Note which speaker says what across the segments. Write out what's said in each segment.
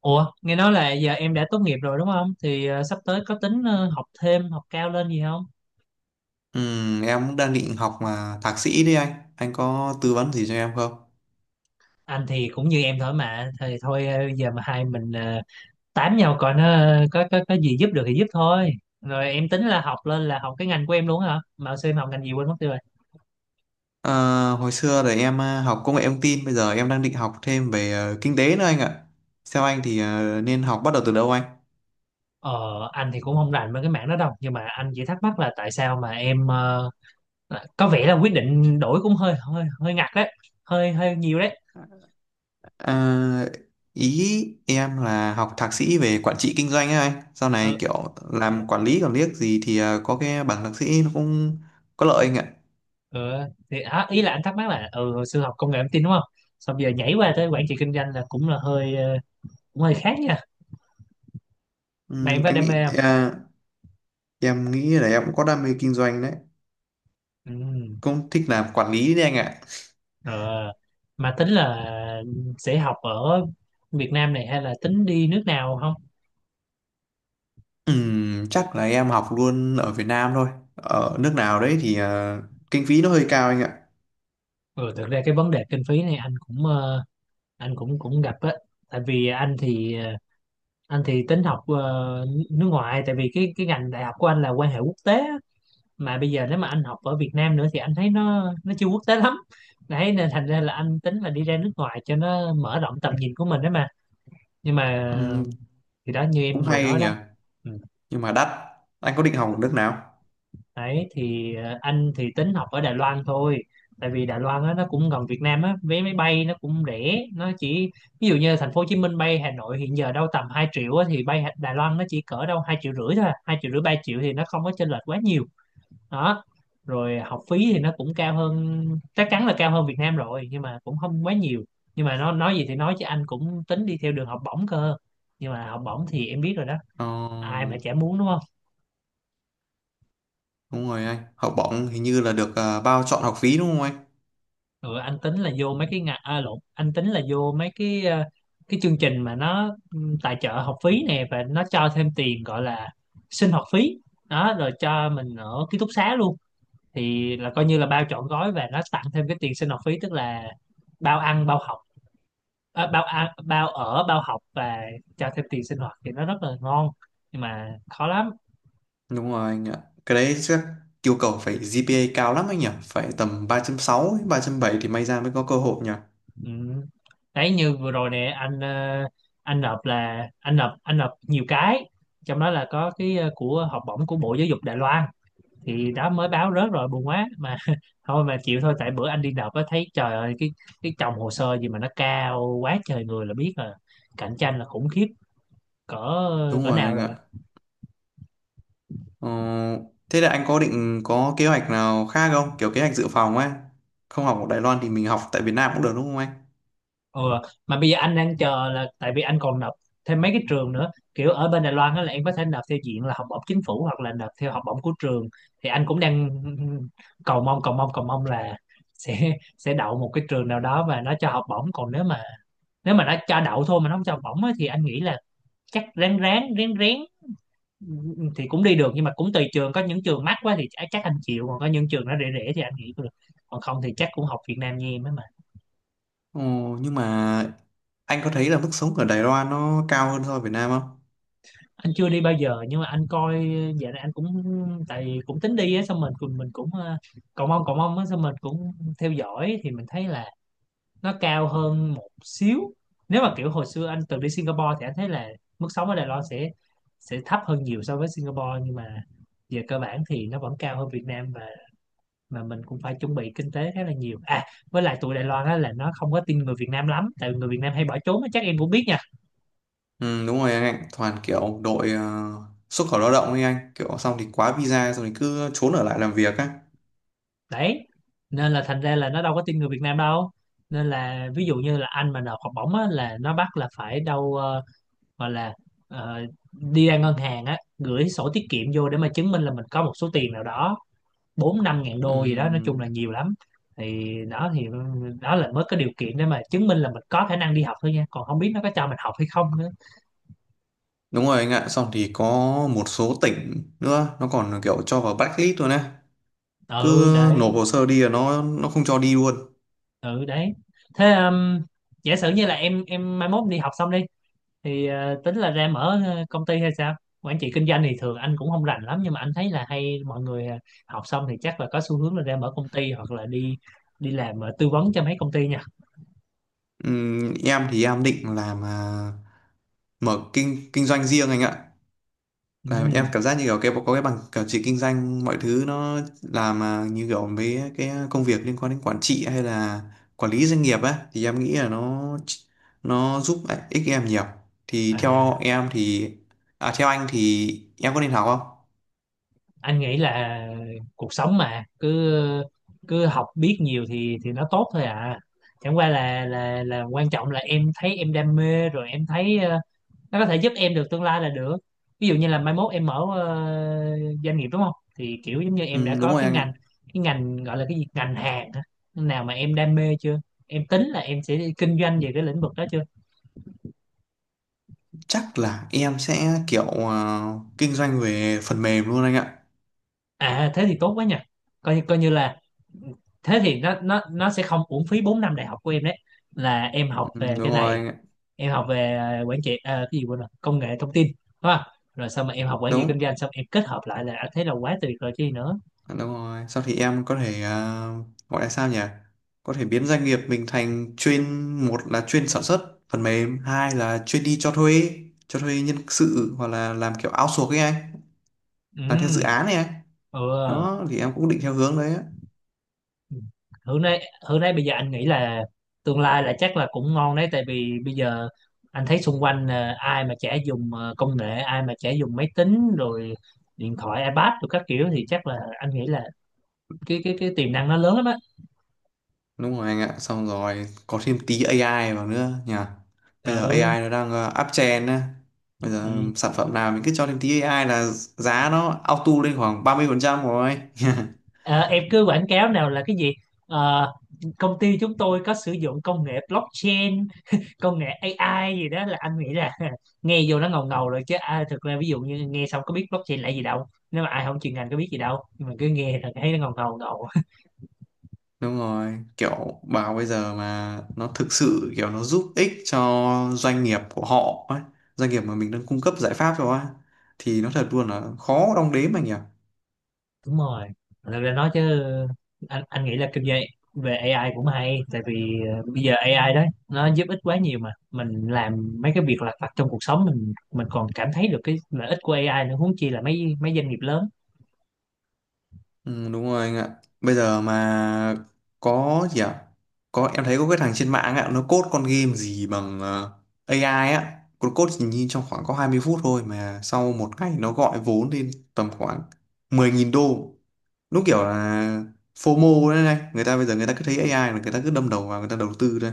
Speaker 1: Ủa, nghe nói là giờ em đã tốt nghiệp rồi đúng không? Thì sắp tới có tính học thêm, học cao lên gì không?
Speaker 2: Ừ, em cũng đang định học mà thạc sĩ đấy anh. Anh có tư vấn gì cho em không?
Speaker 1: Anh thì cũng như em thôi mà, thì thôi giờ mà hai mình tám nhau coi nó có gì giúp được thì giúp thôi. Rồi em tính là học lên là học cái ngành của em luôn hả? Mà xem học ngành gì quên mất tiêu rồi.
Speaker 2: Ờ, hồi xưa thì em học công nghệ thông tin, bây giờ em đang định học thêm về kinh tế nữa anh ạ. Theo anh thì nên học bắt đầu từ đâu anh?
Speaker 1: Ờ, anh thì cũng không rành với cái mảng đó đâu, nhưng mà anh chỉ thắc mắc là tại sao mà em có vẻ là quyết định đổi cũng hơi hơi hơi ngặt đấy, hơi hơi nhiều đấy.
Speaker 2: Ờ, ý em là học thạc sĩ về quản trị kinh doanh ấy anh. Sau
Speaker 1: Ừ,
Speaker 2: này kiểu
Speaker 1: ờ.
Speaker 2: làm quản lý còn liếc gì thì có cái bằng thạc sĩ nó cũng có lợi anh ạ.
Speaker 1: ừ, thì hả, ý là anh thắc mắc là ừ hồi xưa học công nghệ thông tin đúng không xong giờ nhảy qua tới quản trị kinh doanh là cũng là hơi cũng hơi khác nha mà
Speaker 2: Ừ,
Speaker 1: em có đam mê không.
Speaker 2: em nghĩ là em cũng có đam mê kinh doanh đấy.
Speaker 1: ừ.
Speaker 2: Cũng thích làm quản lý đấy anh ạ.
Speaker 1: ờ, mà tính là sẽ học ở Việt Nam này hay là tính đi nước nào không.
Speaker 2: Chắc là em học luôn ở Việt Nam thôi. Ở nước nào đấy thì kinh phí nó hơi cao anh ạ.
Speaker 1: Ừ, thực ra cái vấn đề kinh phí này anh cũng anh cũng cũng gặp á tại vì anh thì anh thì tính học nước ngoài tại vì cái ngành đại học của anh là quan hệ quốc tế á. Mà bây giờ nếu mà anh học ở Việt Nam nữa thì anh thấy nó chưa quốc tế lắm đấy, nên thành ra là anh tính là đi ra nước ngoài cho nó mở rộng tầm nhìn của mình đấy mà, nhưng mà
Speaker 2: Ừm,
Speaker 1: thì đó như
Speaker 2: cũng
Speaker 1: em vừa
Speaker 2: hay anh
Speaker 1: nói
Speaker 2: nhỉ,
Speaker 1: đó. ừ.
Speaker 2: nhưng mà đắt. Anh có định học ở nước nào?
Speaker 1: Đấy thì anh thì tính học ở Đài Loan thôi, tại vì Đài Loan á, nó cũng gần Việt Nam á, vé máy bay nó cũng rẻ, nó chỉ ví dụ như thành phố Hồ Chí Minh bay Hà Nội hiện giờ đâu tầm 2 triệu á, thì bay Đài Loan nó chỉ cỡ đâu 2,5 triệu thôi à. 2,5 triệu 3 triệu thì nó không có chênh lệch quá nhiều đó. Rồi học phí thì nó cũng cao hơn, chắc chắn là cao hơn Việt Nam rồi, nhưng mà cũng không quá nhiều. Nhưng mà nó nói gì thì nói chứ anh cũng tính đi theo đường học bổng cơ, nhưng mà học bổng thì em biết rồi đó,
Speaker 2: Ờ,
Speaker 1: ai mà chả muốn đúng không.
Speaker 2: đúng rồi anh. Học bổng hình như là được bao chọn học phí đúng không anh?
Speaker 1: Ừ, anh tính là vô mấy cái lộn anh tính là vô mấy cái cái chương trình mà nó tài trợ học phí nè, và nó cho thêm tiền gọi là sinh hoạt phí đó, rồi cho mình ở ký túc xá luôn, thì là coi như là bao trọn gói, và nó tặng thêm cái tiền sinh hoạt phí, tức là bao ăn bao học, bao ăn bao ở bao học, và cho thêm tiền sinh hoạt thì nó rất là ngon, nhưng mà khó lắm.
Speaker 2: Đúng rồi anh ạ. Cái đấy chắc yêu cầu phải GPA cao lắm anh nhỉ. Phải tầm 3.6 3.7 thì may ra mới có cơ hội nhỉ.
Speaker 1: ừ. Đấy như vừa rồi nè anh anh nộp là anh nộp nhiều cái, trong đó là có cái của học bổng của Bộ Giáo dục Đài Loan, thì đó mới báo rớt rồi buồn quá mà thôi mà chịu thôi, tại bữa anh đi nộp á thấy trời ơi cái chồng hồ sơ gì mà nó cao quá trời người là biết là cạnh tranh là khủng khiếp cỡ
Speaker 2: Đúng
Speaker 1: cỡ
Speaker 2: rồi
Speaker 1: nào
Speaker 2: anh ạ.
Speaker 1: rồi.
Speaker 2: Ờ, thế là anh có định có kế hoạch nào khác không? Kiểu kế hoạch dự phòng ấy. Không học ở Đài Loan thì mình học tại Việt Nam cũng được đúng không anh?
Speaker 1: Ừ. Mà bây giờ anh đang chờ là tại vì anh còn nộp thêm mấy cái trường nữa, kiểu ở bên Đài Loan á là em có thể nộp theo diện là học bổng chính phủ hoặc là nộp theo học bổng của trường, thì anh cũng đang cầu mong là sẽ sẽ đậu một cái trường nào đó và nó cho học bổng. Còn nếu mà nó cho đậu thôi mà nó không cho học bổng á, thì anh nghĩ là chắc ráng ráng rén rén thì cũng đi được, nhưng mà cũng tùy trường, có những trường mắc quá thì chắc anh chịu, còn có những trường nó rẻ rẻ thì anh nghĩ cũng được, còn không thì chắc cũng học Việt Nam như em ấy mà.
Speaker 2: Ồ, nhưng mà anh có thấy là mức sống ở Đài Loan nó cao hơn so với Việt Nam không?
Speaker 1: Anh chưa đi bao giờ nhưng mà anh coi dạo này anh cũng tại vì cũng tính đi á xong mình cũng cầu mong á xong mình cũng theo dõi thì mình thấy là nó cao hơn một xíu. Nếu mà kiểu hồi xưa anh từng đi Singapore thì anh thấy là mức sống ở Đài Loan sẽ thấp hơn nhiều so với Singapore, nhưng mà về cơ bản thì nó vẫn cao hơn Việt Nam, và mà mình cũng phải chuẩn bị kinh tế khá là nhiều à. Với lại tụi Đài Loan á là nó không có tin người Việt Nam lắm, tại vì người Việt Nam hay bỏ trốn á, chắc em cũng biết nhỉ.
Speaker 2: Ừ, đúng rồi anh ạ. Toàn kiểu đội xuất khẩu lao động ấy anh. Kiểu xong thì quá visa xong thì cứ trốn ở lại làm việc á.
Speaker 1: Đấy nên là thành ra là nó đâu có tin người Việt Nam đâu, nên là ví dụ như là anh mà nộp học bổng á, là nó bắt là phải đâu gọi là ờ, đi ra ngân hàng á gửi sổ tiết kiệm vô để mà chứng minh là mình có một số tiền nào đó, bốn năm ngàn
Speaker 2: Ừ,
Speaker 1: đô gì đó, nói chung là nhiều lắm. Thì đó thì ừ, đó là mới có điều kiện để mà chứng minh là mình có khả năng đi học thôi nha, còn không biết nó có cho mình học hay không nữa.
Speaker 2: đúng rồi anh ạ. Xong thì có một số tỉnh nữa nó còn kiểu cho vào blacklist luôn á.
Speaker 1: Ừ
Speaker 2: Cứ nộp
Speaker 1: đấy.
Speaker 2: hồ sơ đi là nó không cho đi luôn.
Speaker 1: Ừ đấy, thế giả sử như là em mai mốt đi học xong đi thì tính là ra mở công ty hay sao, quản trị kinh doanh thì thường anh cũng không rành lắm, nhưng mà anh thấy là hay mọi người học xong thì chắc là có xu hướng là ra mở công ty, hoặc là đi đi làm tư vấn cho mấy công ty nha.
Speaker 2: Ừ, em thì em định làm mở kinh kinh doanh riêng anh ạ. Là
Speaker 1: ừ.
Speaker 2: em cảm giác như kiểu có cái bằng cả trị kinh doanh mọi thứ nó làm như kiểu với cái công việc liên quan đến quản trị hay là quản lý doanh nghiệp á thì em nghĩ là nó giúp ích em nhiều. Thì
Speaker 1: à,
Speaker 2: theo em thì theo anh thì em có nên học không?
Speaker 1: anh nghĩ là cuộc sống mà cứ cứ học biết nhiều thì nó tốt thôi à, chẳng qua là là quan trọng là em thấy em đam mê rồi em thấy nó có thể giúp em được tương lai là được. Ví dụ như là mai mốt em mở doanh nghiệp đúng không, thì kiểu giống như em đã
Speaker 2: Ừ, đúng
Speaker 1: có
Speaker 2: rồi
Speaker 1: cái
Speaker 2: anh ạ.
Speaker 1: ngành, cái ngành gọi là cái gì, ngành hàng hả? Nào mà em đam mê chưa, em tính là em sẽ đi kinh doanh về cái lĩnh vực đó chưa.
Speaker 2: Chắc là em sẽ kiểu à, kinh doanh về phần mềm luôn anh ạ.
Speaker 1: À thế thì tốt quá nhỉ, coi như là thế thì nó sẽ không uổng phí 4 năm đại học của em đấy, là em học
Speaker 2: Ừ,
Speaker 1: về
Speaker 2: đúng
Speaker 1: cái
Speaker 2: rồi
Speaker 1: này.
Speaker 2: anh ạ.
Speaker 1: Em học về quản trị cái gì quên rồi, công nghệ thông tin, đúng không, rồi xong mà em học quản trị kinh
Speaker 2: Đúng
Speaker 1: doanh xong em kết hợp lại là à, thế là quá tuyệt rồi chứ gì nữa.
Speaker 2: Đúng rồi. Sau thì em có thể gọi là sao nhỉ? Có thể biến doanh nghiệp mình thành chuyên một là chuyên sản xuất phần mềm, hai là chuyên đi cho thuê nhân sự hoặc là làm kiểu outsource ấy anh, làm theo dự
Speaker 1: ừ
Speaker 2: án này anh.
Speaker 1: ừ
Speaker 2: Đó thì em cũng định theo hướng đấy á.
Speaker 1: Hưởng đấy, Hưởng đấy, bây giờ anh nghĩ là tương lai là chắc là cũng ngon đấy, tại vì bây giờ anh thấy xung quanh là ai mà chả dùng công nghệ, ai mà chả dùng máy tính rồi điện thoại iPad rồi các kiểu, thì chắc là anh nghĩ là cái tiềm năng nó lớn lắm á.
Speaker 2: Đúng rồi anh ạ, xong rồi có thêm tí AI vào nữa nhỉ. Bây giờ
Speaker 1: ừ.
Speaker 2: AI nó đang up trend á. Bây
Speaker 1: ừ.
Speaker 2: giờ sản phẩm nào mình cứ cho thêm tí AI là giá nó auto lên khoảng 30% rồi.
Speaker 1: Ờ, em cứ quảng cáo nào là cái gì, Ờ, công ty chúng tôi có sử dụng công nghệ blockchain, công nghệ AI gì đó, là anh nghĩ là nghe vô nó ngầu ngầu rồi chứ à, thực ra ví dụ như nghe xong có biết blockchain là gì đâu, nếu mà ai không chuyên ngành có biết gì đâu, nhưng mà cứ nghe là thấy nó ngầu ngầu ngầu.
Speaker 2: Đúng rồi, kiểu bảo bây giờ mà nó thực sự kiểu nó giúp ích cho doanh nghiệp của họ ấy, doanh nghiệp mà mình đang cung cấp giải pháp cho á, thì nó thật luôn là khó đong đếm anh nhỉ.
Speaker 1: Đúng rồi, thực ra nói chứ anh nghĩ là kinh doanh về AI cũng hay, tại vì bây giờ AI đó nó giúp ích quá nhiều, mà mình làm mấy cái việc lặt vặt trong cuộc sống mình còn cảm thấy được cái lợi ích của AI nữa, huống chi là mấy mấy doanh nghiệp lớn.
Speaker 2: Ừ, đúng rồi anh ạ. Bây giờ mà có gì ạ? Có em thấy có cái thằng trên mạng ạ, nó code con game gì bằng AI á, nó code chỉ nhìn trong khoảng có 20 phút thôi mà sau một ngày nó gọi vốn lên tầm khoảng 10.000 đô. Đúng kiểu là FOMO đấy, này người ta bây giờ người ta cứ thấy AI là người ta cứ đâm đầu vào người ta đầu tư thôi,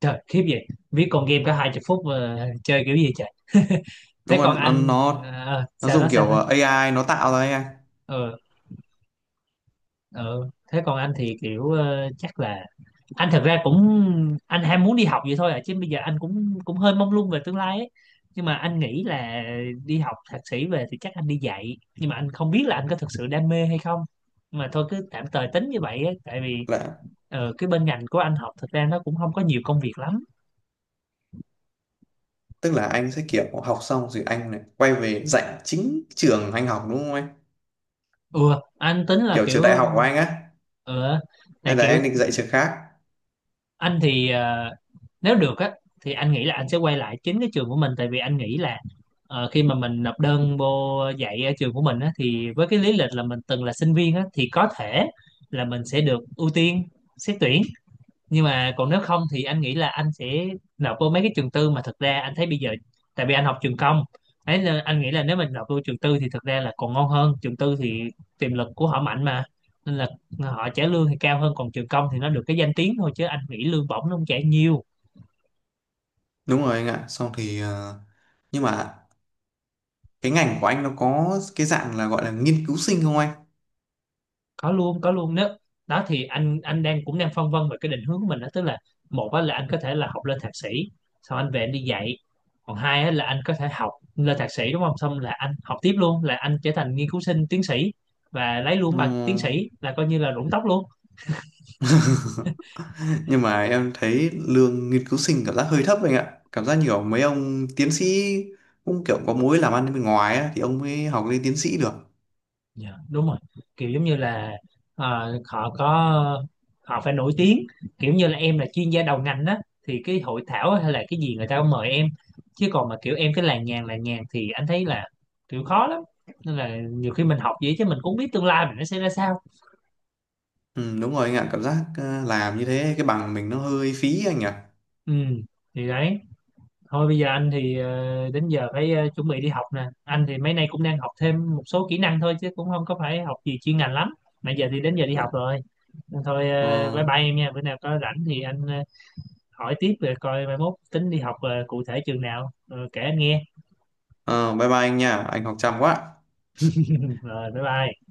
Speaker 1: Trời khiếp vậy, viết con game có 20 phút mà chơi kiểu gì trời.
Speaker 2: đúng
Speaker 1: Thế còn
Speaker 2: không? nó
Speaker 1: anh
Speaker 2: nó nó
Speaker 1: sao nó
Speaker 2: dùng
Speaker 1: sao
Speaker 2: kiểu
Speaker 1: nó
Speaker 2: AI nó tạo ra AI.
Speaker 1: ờ ờ thế còn anh thì kiểu chắc là anh thật ra cũng anh ham muốn đi học vậy thôi à, chứ bây giờ anh cũng cũng hơi mông lung về tương lai ấy, nhưng mà anh nghĩ là đi học thạc sĩ về thì chắc anh đi dạy, nhưng mà anh không biết là anh có thực sự đam mê hay không, mà thôi cứ tạm thời tính như vậy ấy, tại vì
Speaker 2: Là
Speaker 1: cái bên ngành của anh học thật ra nó cũng không có nhiều công việc lắm.
Speaker 2: tức là anh sẽ kiểu học xong rồi anh này quay về dạy chính trường anh học đúng không anh?
Speaker 1: Ừ anh tính là
Speaker 2: Kiểu
Speaker 1: kiểu
Speaker 2: trường đại học của anh á,
Speaker 1: ờ tại
Speaker 2: hay là
Speaker 1: kiểu
Speaker 2: em định dạy trường khác?
Speaker 1: anh thì nếu được á thì anh nghĩ là anh sẽ quay lại chính cái trường của mình, tại vì anh nghĩ là khi mà mình nộp đơn vô dạy ở trường của mình á thì với cái lý lịch là mình từng là sinh viên á thì có thể là mình sẽ được ưu tiên xét tuyển, nhưng mà còn nếu không thì anh nghĩ là anh sẽ nộp vô mấy cái trường tư, mà thực ra anh thấy bây giờ tại vì anh học trường công ấy, nên anh nghĩ là nếu mình nộp vô trường tư thì thực ra là còn ngon hơn, trường tư thì tiềm lực của họ mạnh mà, nên là họ trả lương thì cao hơn, còn trường công thì nó được cái danh tiếng thôi chứ anh nghĩ lương bổng nó không trả nhiều.
Speaker 2: Đúng rồi anh ạ, xong thì nhưng mà cái ngành của anh nó có cái dạng là gọi là nghiên cứu sinh không anh?
Speaker 1: Có luôn, nếu đó thì anh đang cũng đang phân vân về cái định hướng của mình đó, tức là một á là anh có thể là học lên thạc sĩ xong anh về anh đi dạy, còn hai á là anh có thể học lên thạc sĩ đúng không, xong là anh học tiếp luôn là anh trở thành nghiên cứu sinh tiến sĩ và lấy luôn
Speaker 2: Ừ.
Speaker 1: bằng tiến sĩ là coi như là rụng tóc luôn.
Speaker 2: Nhưng mà em thấy lương nghiên cứu sinh cảm giác hơi thấp anh ạ, cảm giác nhiều mấy ông tiến sĩ cũng kiểu có mối làm ăn bên ngoài á, thì ông mới học lên tiến sĩ được.
Speaker 1: Dạ, đúng rồi. Kiểu giống như là họ có họ phải nổi tiếng, kiểu như là em là chuyên gia đầu ngành đó, thì cái hội thảo hay là cái gì người ta cũng mời em. Chứ còn mà kiểu em cái làng nhàng thì anh thấy là kiểu khó lắm. Nên là nhiều khi mình học vậy chứ mình cũng không biết tương lai mình nó sẽ ra sao.
Speaker 2: Ừ, đúng rồi anh ạ, cảm giác làm như thế cái bằng mình nó hơi phí anh ạ.
Speaker 1: Ừ, thì đấy. Thôi bây giờ anh thì đến giờ phải chuẩn bị đi học nè. Anh thì mấy nay cũng đang học thêm một số kỹ năng thôi chứ cũng không có phải học gì chuyên ngành lắm. Mà giờ thì đến giờ đi
Speaker 2: ờ,
Speaker 1: học rồi. Thôi
Speaker 2: ờ,
Speaker 1: bye bye em nha. Bữa nào có rảnh thì anh hỏi tiếp về coi mai mốt tính đi học cụ thể trường nào. Ờ, kể anh nghe.
Speaker 2: ờ, Bye bye anh nha, anh học chăm quá.
Speaker 1: Rồi bye bye.